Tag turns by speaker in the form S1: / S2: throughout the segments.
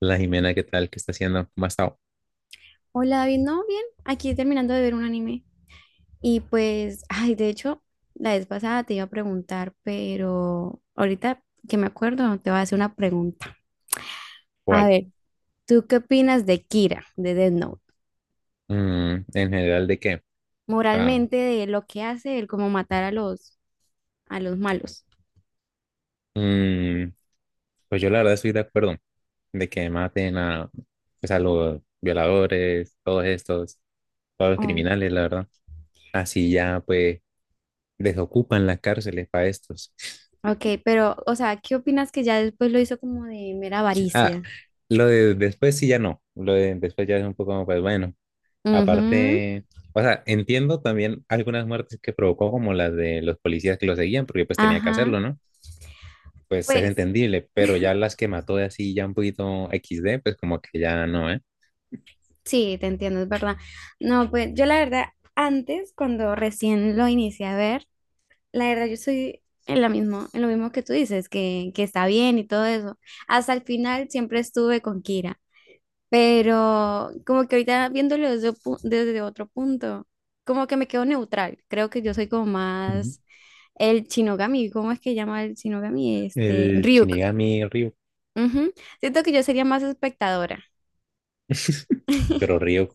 S1: La Jimena, ¿qué tal? ¿Qué está haciendo? ¿Cómo ha estado?
S2: Hola David, ¿no? Bien, aquí terminando de ver un anime. Y pues, ay, de hecho, la vez pasada te iba a preguntar, pero ahorita que me acuerdo, te voy a hacer una pregunta. A
S1: ¿Cuál?
S2: ver, ¿tú qué opinas de Kira, de Death Note?
S1: En general, ¿de qué? Ah,
S2: Moralmente, de lo que hace él, como matar a los malos.
S1: mm, pues yo la verdad estoy de acuerdo de que maten a, pues, a los violadores, todos estos, todos los
S2: Oh,
S1: criminales, la verdad. Así ya, pues, desocupan las cárceles para estos.
S2: ok, pero, o sea, ¿qué opinas que ya después lo hizo como de mera
S1: Ah,
S2: avaricia?
S1: lo de después sí ya no. Lo de después ya es un poco, pues bueno.
S2: Ujú,
S1: Aparte, o sea, entiendo también algunas muertes que provocó, como las de los policías que lo seguían, porque pues tenía que
S2: ajá.
S1: hacerlo, ¿no? Pues es
S2: Pues
S1: entendible, pero ya las que mató de así ya un poquito equis de pues como que ya no, ¿eh?
S2: sí, te entiendo, es verdad. No, pues yo la verdad, antes, cuando recién lo inicié a ver, la verdad yo soy en lo mismo que tú dices, que está bien y todo eso. Hasta el final siempre estuve con Kira, pero como que ahorita viéndolo desde otro punto, como que me quedo neutral. Creo que yo soy como
S1: Ujú.
S2: más el Shinogami, ¿cómo es que llama el Shinogami? Este,
S1: El
S2: Ryuk.
S1: Shinigami Ryu.
S2: Ujú. Siento que yo sería más espectadora.
S1: Pero Ryu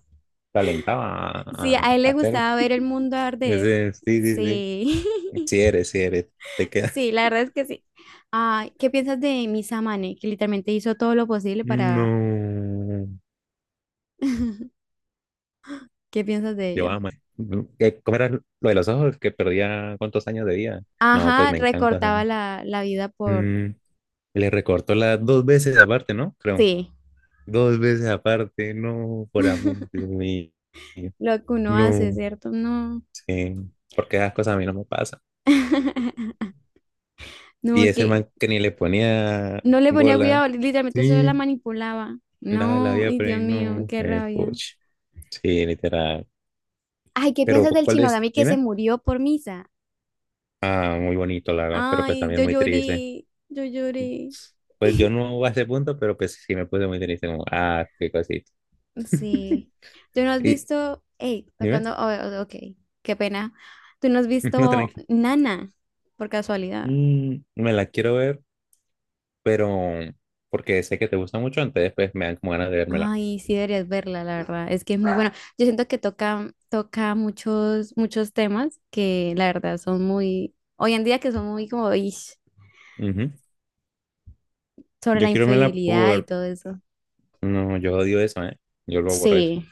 S1: talentaba
S2: Sí,
S1: a
S2: a él le
S1: hacerlo.
S2: gustaba ver el mundo arder.
S1: Ese, sí, sí, sí.
S2: Sí,
S1: Sí eres, sí eres. Te queda.
S2: sí, la verdad es que sí. Ah, ¿qué piensas de Samane, que literalmente hizo todo lo posible para...
S1: No.
S2: ¿Qué piensas de
S1: Yo
S2: ella?
S1: ama. ¿Cómo era lo de los ojos? Que perdía cuántos años de vida. No, pues
S2: Ajá,
S1: me encanta esa
S2: recortaba la vida por...
S1: Mm, le recortó las dos veces aparte, ¿no? Creo.
S2: Sí,
S1: Dos veces aparte, no, por amor de Dios mío.
S2: lo que uno hace,
S1: No,
S2: ¿cierto? No.
S1: sí, porque esas cosas a mí no me pasan. Y
S2: No,
S1: ese
S2: que
S1: man que ni le ponía
S2: no le ponía
S1: bola.
S2: cuidado, literalmente solo la
S1: Sí.
S2: manipulaba.
S1: Daba la
S2: No,
S1: vida
S2: ay,
S1: por
S2: Dios
S1: ahí,
S2: mío,
S1: no,
S2: qué rabia.
S1: puch. Sí, literal.
S2: Ay, ¿qué
S1: Pero,
S2: piensas del
S1: ¿cuál es?
S2: Shinogami que se
S1: Dime.
S2: murió por Misa?
S1: Ah, muy bonito, la verdad, pero pues
S2: Ay,
S1: también
S2: yo
S1: muy triste.
S2: lloré, yo lloré.
S1: Pues yo no a ese punto, pero pues sí me puse muy triste, como, ah, qué cosita.
S2: Sí. ¿Tú no has
S1: Y,
S2: visto, hey,
S1: dime.
S2: tocando, oh, oh, ok, qué pena. ¿Tú no has
S1: No,
S2: visto
S1: tranqui.
S2: Nana por casualidad?
S1: Me la quiero ver, pero porque sé que te gusta mucho, entonces pues me dan como ganas de vérmela.
S2: Ay, sí deberías verla, la verdad. Es que es muy bueno. Yo siento que toca muchos, muchos temas que la verdad son muy, hoy en día que son muy como ish,
S1: Ujú.
S2: sobre
S1: Yo
S2: la
S1: quiero verla.
S2: infidelidad y todo eso.
S1: No, yo odio eso, ¿eh? Yo lo aborrezco.
S2: Sí,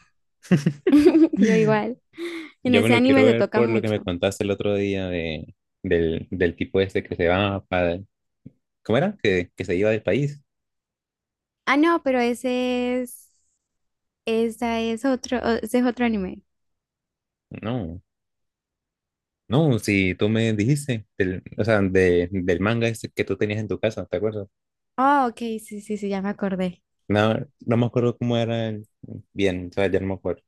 S2: yo igual. En
S1: Yo me
S2: ese
S1: lo quiero
S2: anime se
S1: ver
S2: toca
S1: por lo que me
S2: mucho.
S1: contaste el otro día de, del tipo este que se va para... ¿Cómo era? Que se iba del país.
S2: Ah, no, pero ese es otro anime.
S1: No, no, si tú me dijiste, del, o sea, de, del manga este que tú tenías en tu casa, ¿te acuerdas?
S2: Ah, ok, sí, sí, sí, ya me acordé.
S1: No, no me acuerdo cómo era bien, o sea, ya no me acuerdo.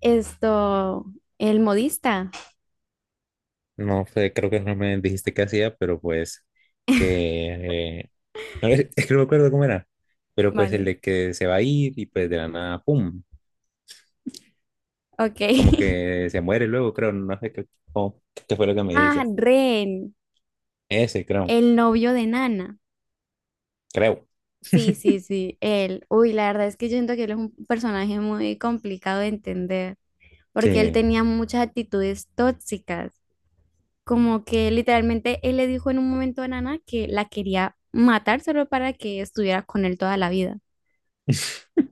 S2: Esto, el modista.
S1: No sé, creo que no me dijiste qué hacía, pero pues que... no, es que no me acuerdo cómo era, pero pues el
S2: Vale.
S1: de que se va a ir y pues de la nada, ¡pum!
S2: Ok.
S1: Como que se muere luego, creo, no sé cómo- qué fue lo que me dijiste.
S2: Ah, Ren,
S1: Ese, creo,
S2: el novio de Nana.
S1: creo.
S2: Sí, sí, sí, él. Uy, la verdad es que yo siento que él es un personaje muy complicado de entender, porque él
S1: Sí,
S2: tenía muchas actitudes tóxicas. Como que literalmente él le dijo en un momento a Nana que la quería matar solo para que estuviera con él toda la vida.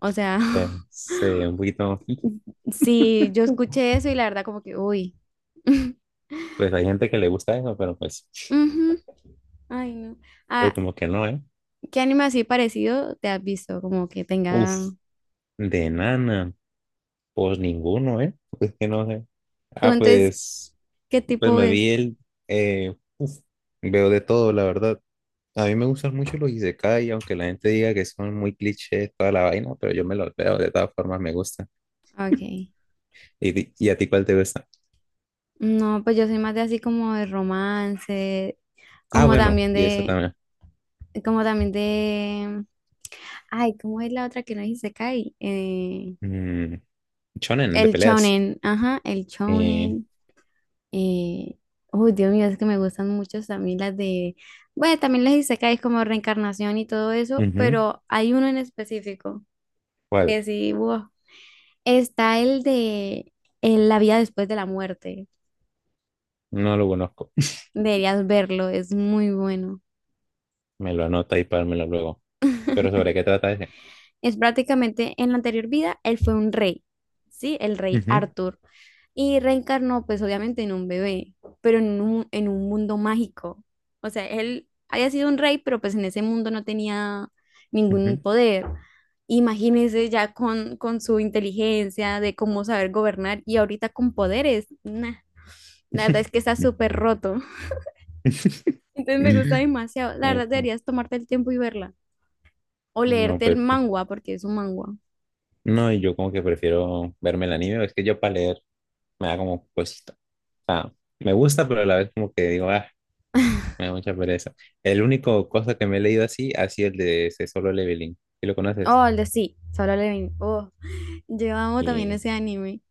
S2: O sea,
S1: pues un poquito.
S2: sí, yo escuché eso y la verdad como que, uy.
S1: Pues hay gente que le gusta eso, pero pues,
S2: Ujú. Ay, no.
S1: pero
S2: Ah,
S1: como que no, ¿eh?
S2: ¿qué anime así parecido te has visto? Como que
S1: Uf,
S2: tenga...
S1: de nana, pues ninguno, ¿eh? Pues que no sé.
S2: ¿Tú
S1: Ah,
S2: entonces
S1: pues,
S2: qué
S1: pues
S2: tipo
S1: me
S2: es?
S1: vi el, eh, uf, veo de todo, la verdad. A mí me gustan mucho los isekai, aunque la gente diga que son muy clichés, toda la vaina, pero yo me los veo, de todas formas me gusta.
S2: Ah, ok.
S1: ¿Y, y a ti cuál te gusta?
S2: No, pues yo soy más de así como de romance,
S1: Ah,
S2: como
S1: bueno,
S2: también
S1: y eso
S2: de...
S1: también.
S2: Como también de... Ay, ¿cómo es la otra que no dice Kai?
S1: Mm, shonen de
S2: El
S1: peleas.
S2: shonen. Ajá, el
S1: Eh,
S2: shonen. Eh... Uy, Dios mío, es que me gustan mucho también las de... Bueno, también les dice Kai como reencarnación y todo eso,
S1: ujú.
S2: pero hay uno en específico
S1: ¿Cuál?
S2: que sí, wow, está el de La vida después de la muerte.
S1: No lo conozco.
S2: Deberías verlo, es muy bueno.
S1: Me lo anota y pármelo luego. Pero ¿sobre qué trata ese?
S2: Es prácticamente en la anterior vida, él fue un rey, ¿sí? El rey
S1: Ujú,
S2: Arthur. Y reencarnó, pues obviamente, en un bebé, pero en un mundo mágico. O sea, él había sido un rey, pero pues en ese mundo no tenía ningún
S1: ujú.
S2: poder. Imagínense ya con su inteligencia de cómo saber gobernar y ahorita con poderes. Nah, la verdad es que está súper roto. Entonces me gusta demasiado. La
S1: Eh,
S2: verdad, deberías tomarte el tiempo y verla. O
S1: no,
S2: leerte el
S1: pues.
S2: manga porque es un manga.
S1: No, y yo como que prefiero verme el anime. Es que yo para leer me da como cosita. O sea, me gusta, pero a la vez como que digo, ah, me da mucha pereza. El único cosa que me he leído así ha sido el de ese Solo Leveling. ¿Sí lo conoces?
S2: Oh, el de sí, Solo Levin. Oh, yo amo también
S1: Y
S2: ese anime.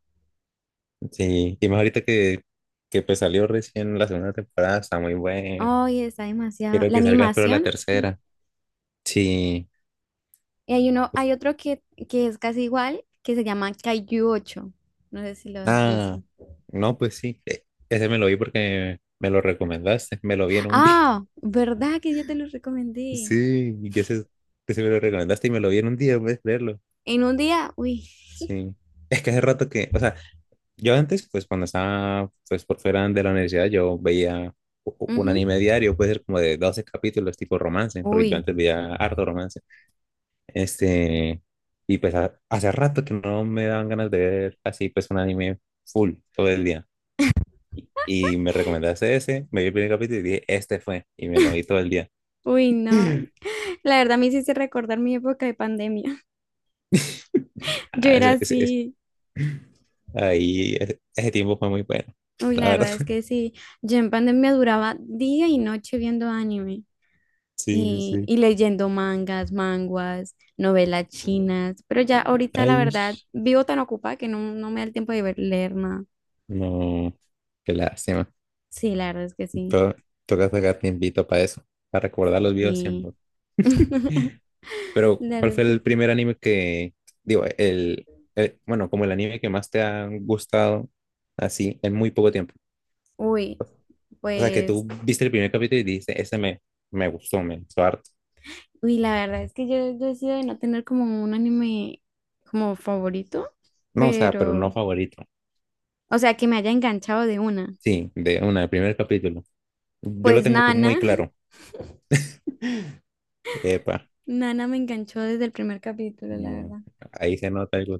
S1: sí, y más ahorita que pues salió recién la segunda temporada, está muy bueno.
S2: Ay, está demasiado.
S1: Quiero
S2: La
S1: que salga pero la
S2: animación. Mm.
S1: tercera. Sí.
S2: Y hay uno,
S1: Uf,
S2: hay otro que es casi igual, que se llama Kaiju 8. No sé si lo has
S1: ah,
S2: visto.
S1: no, pues sí. Ese me lo vi porque me lo recomendaste. Me lo vi en un día.
S2: Ah, ¿verdad que yo te lo recomendé?
S1: Sí, y ese me lo recomendaste y me lo vi en un día, puedes verlo.
S2: En un día, uy.
S1: Sí. Es que hace rato que, o sea, yo antes, pues cuando estaba pues por fuera de la universidad, yo veía un
S2: Ujú,
S1: anime diario, puede ser como de 12 capítulos tipo romance, porque yo
S2: uy.
S1: antes veía harto romance. Este, y pues hace rato que no me daban ganas de ver así pues un anime full todo el día. Y me recomendaste ese, me vi el primer capítulo y dije, este fue, y me lo vi todo el día.
S2: Uy, no. La verdad me hiciste recordar mi época de pandemia. Yo
S1: Ah,
S2: era así.
S1: ahí, ese tiempo fue muy bueno,
S2: Uy,
S1: la
S2: la
S1: verdad.
S2: verdad es que sí, yo en pandemia duraba día y noche viendo anime
S1: Sí, sí,
S2: y,
S1: sí.
S2: y leyendo mangas, manguas, novelas chinas, pero ya ahorita la
S1: Ay,
S2: verdad vivo tan ocupada que no, no me da el tiempo de leer nada.
S1: no, qué lástima.
S2: Sí, la verdad es que sí,
S1: To- toca sacar tiempito para eso, para recordar los videos
S2: sí.
S1: siempre. Pero,
S2: La
S1: ¿cuál
S2: verdad es
S1: fue
S2: que
S1: el
S2: sí.
S1: primer anime que, digo, bueno, como el anime que más te ha gustado así en muy poco tiempo?
S2: Uy,
S1: O sea, que tú
S2: pues,
S1: viste el primer capítulo y dijiste, me gustó harto.
S2: uy, la verdad es que yo he sido de no tener como un anime como favorito,
S1: No, o sea, pero no
S2: pero,
S1: favorito.
S2: o sea, que me haya enganchado de una.
S1: Sí, de una, el primer capítulo. Yo lo
S2: Pues
S1: tengo muy
S2: Nana.
S1: claro. Epa,
S2: Nana me enganchó desde el primer capítulo, la
S1: no,
S2: verdad.
S1: ahí se nota algo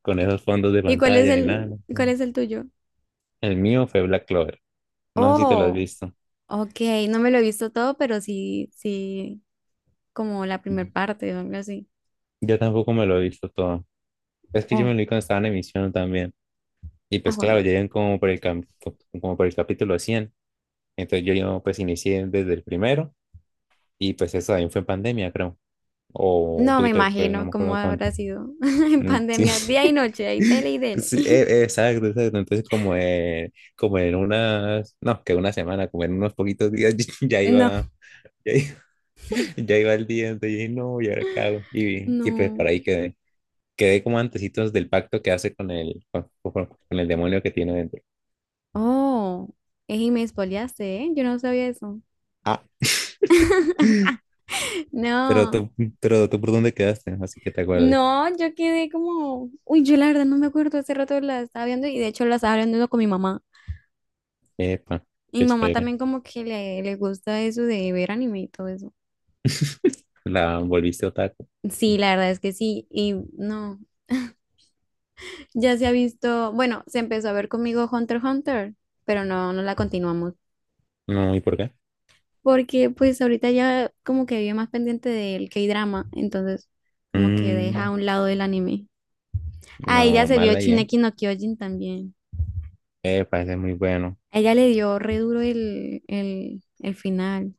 S1: con esos fondos de
S2: ¿Y cuál es
S1: pantalla y nada.
S2: el,
S1: No,
S2: cuál
S1: no.
S2: es el tuyo?
S1: El mío fue Black Clover. No sé si te lo has
S2: Oh,
S1: visto.
S2: ok, no me lo he visto todo, pero sí, sí, como la primer parte o algo así.
S1: Yo tampoco me lo he visto todo. Es que yo me
S2: Oh,
S1: lo vi cuando estaba en emisión también. Y
S2: a
S1: pues
S2: Juan
S1: claro, ya
S2: madre.
S1: iban como por como por el capítulo 100. Entonces yo pues inicié desde el primero y pues eso también fue en pandemia, creo. O un
S2: No me
S1: poquito después, no
S2: imagino
S1: me
S2: cómo
S1: acuerdo
S2: habrá
S1: cuánto.
S2: sido en
S1: Sí,
S2: pandemia, día y noche, ahí dele y dele.
S1: sí, exacto, exacto. Entonces como, como en unas, no, que una semana, como en unos poquitos días ya
S2: No.
S1: iba, ya iba, ya iba el día. Entonces dije, no, ¿y ahora qué hago? Y pues
S2: No.
S1: para ahí quedé. Quedé como antecitos del pacto que hace con con el demonio que tiene dentro.
S2: Oh, ey, y me spoileaste, ¿eh? Yo no sabía eso.
S1: Ah. Pero
S2: No,
S1: tú, pero tú por dónde quedaste, así que te acuerdas.
S2: no, yo quedé como, uy, yo la verdad no me acuerdo, hace rato la estaba viendo y de hecho la estaba viendo con mi mamá.
S1: Epa,
S2: Y
S1: qué
S2: mamá
S1: chévere.
S2: también como que le gusta eso de ver anime y todo eso.
S1: La volviste otaku.
S2: Sí, la verdad es que sí. Y no, ya se ha visto, bueno, se empezó a ver conmigo Hunter x Hunter, pero no, no la continuamos.
S1: No, ¿y por qué?
S2: Porque pues ahorita ya como que vive más pendiente del K-drama, entonces como que deja a
S1: Mm,
S2: un lado el anime. A ella
S1: no,
S2: se vio
S1: mal ahí, ¿eh?
S2: Shingeki no Kyojin también.
S1: Epa, ese es muy bueno.
S2: A ella le dio re duro el final.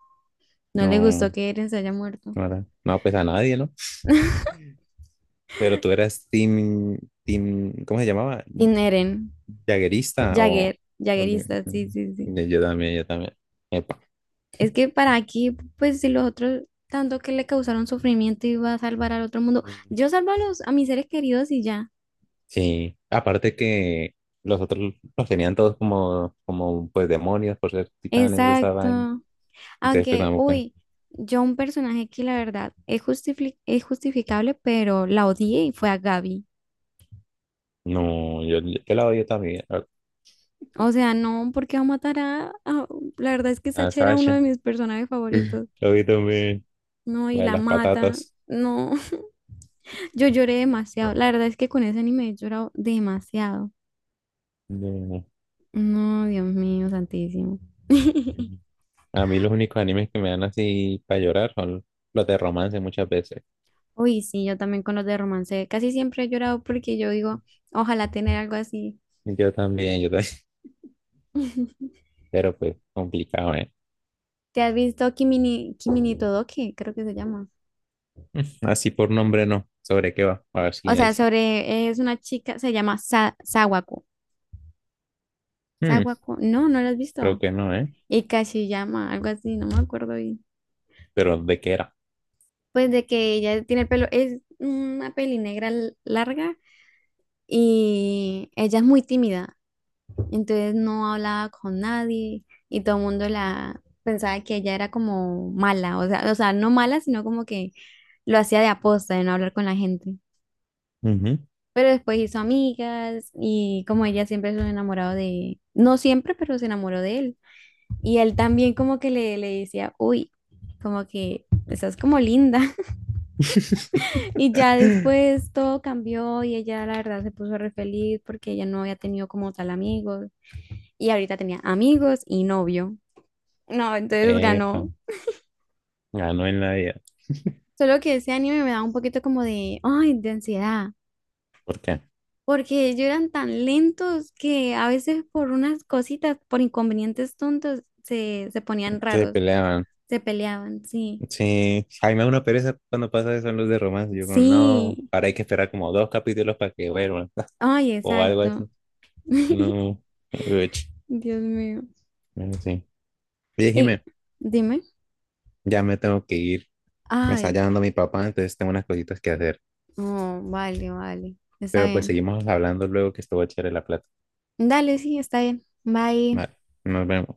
S2: No le gustó
S1: No,
S2: que Eren se haya muerto.
S1: no, no, pues a nadie, ¿no? Pero tú eras team, ¿cómo se llamaba?
S2: Sin Eren,
S1: Jaguerista o...
S2: Jagger,
S1: o li-
S2: Jaggerista, sí, sí, sí.
S1: yo también, yo también. Epa.
S2: Es que para aquí, pues si los otros tanto que le causaron sufrimiento iba a salvar al otro mundo, yo salvo a mis seres queridos y ya.
S1: Sí, aparte que los otros los tenían todos como, como pues demonios por ser titanes, esa vaina.
S2: Exacto.
S1: Entonces, pues,
S2: Aunque, uy, yo un personaje que la verdad es es justificable, pero la odié y fue a Gaby.
S1: no, yo la odio también.
S2: O sea, no, porque va a matar La verdad es que
S1: A
S2: Sacha era uno
S1: Sasha.
S2: de mis personajes favoritos.
S1: La odio también.
S2: No, y
S1: La de
S2: la
S1: las
S2: mata.
S1: patatas.
S2: No, yo lloré demasiado. La verdad es que con ese anime he llorado demasiado.
S1: No.
S2: No, Dios mío, santísimo.
S1: A mí los únicos animes que me dan así para llorar son los de romance muchas veces.
S2: Uy, sí, yo también con los de romance. Casi siempre he llorado porque yo digo, ojalá tener algo así.
S1: Yo también, yo también. Pero pues complicado, ¿eh?
S2: ¿Te has visto Kimini Todoke? Creo que se llama.
S1: Así por nombre no. ¿Sobre qué va? A ver
S2: O
S1: si hay.
S2: sea,
S1: Sí.
S2: sobre, es una chica, se llama Sawako.
S1: Hmm,
S2: Sawako, no, no la has
S1: creo
S2: visto.
S1: que no, ¿eh?
S2: Y llama algo así, no me acuerdo bien.
S1: Pero ¿de qué era?
S2: Pues de que ella tiene el pelo, es una peli negra larga y ella es muy tímida. Entonces no hablaba con nadie y todo el mundo la pensaba que ella era como mala, o sea, no mala, sino como que lo hacía de aposta, de no hablar con la gente.
S1: Ujú.
S2: Pero después hizo amigas y como ella siempre se enamoró de, no siempre, pero se enamoró de él. Y él también como que le decía, uy, como que estás como linda. Y ya después todo cambió y ella la verdad se puso re feliz porque ella no había tenido como tal amigos. Y ahorita tenía amigos y novio. No, entonces
S1: Epa,
S2: ganó.
S1: ganó en la vida.
S2: Solo que ese anime me da un poquito como de, ay, de ansiedad,
S1: ¿Por qué?
S2: porque ellos eran tan lentos que a veces por unas cositas, por inconvenientes tontos, se ponían
S1: Se
S2: raros,
S1: peleaban.
S2: se peleaban, sí,
S1: Sí, a mí me da una pereza cuando pasa eso en los de romance. Yo como, no,
S2: sí,
S1: ahora hay que esperar como dos capítulos para que vuelvan
S2: ay,
S1: o algo así.
S2: exacto.
S1: No, uch,
S2: Dios mío.
S1: bueno, sí. Oye,
S2: Y
S1: Jimé,
S2: dime,
S1: ya me tengo que ir. Me está
S2: ay,
S1: llamando mi papá, entonces tengo unas cositas que hacer.
S2: oh, vale, vale, está
S1: Pero pues
S2: bien.
S1: seguimos hablando luego que estuvo chévere la plata.
S2: Dale, sí, está bien. Bye.
S1: Vale, nos vemos.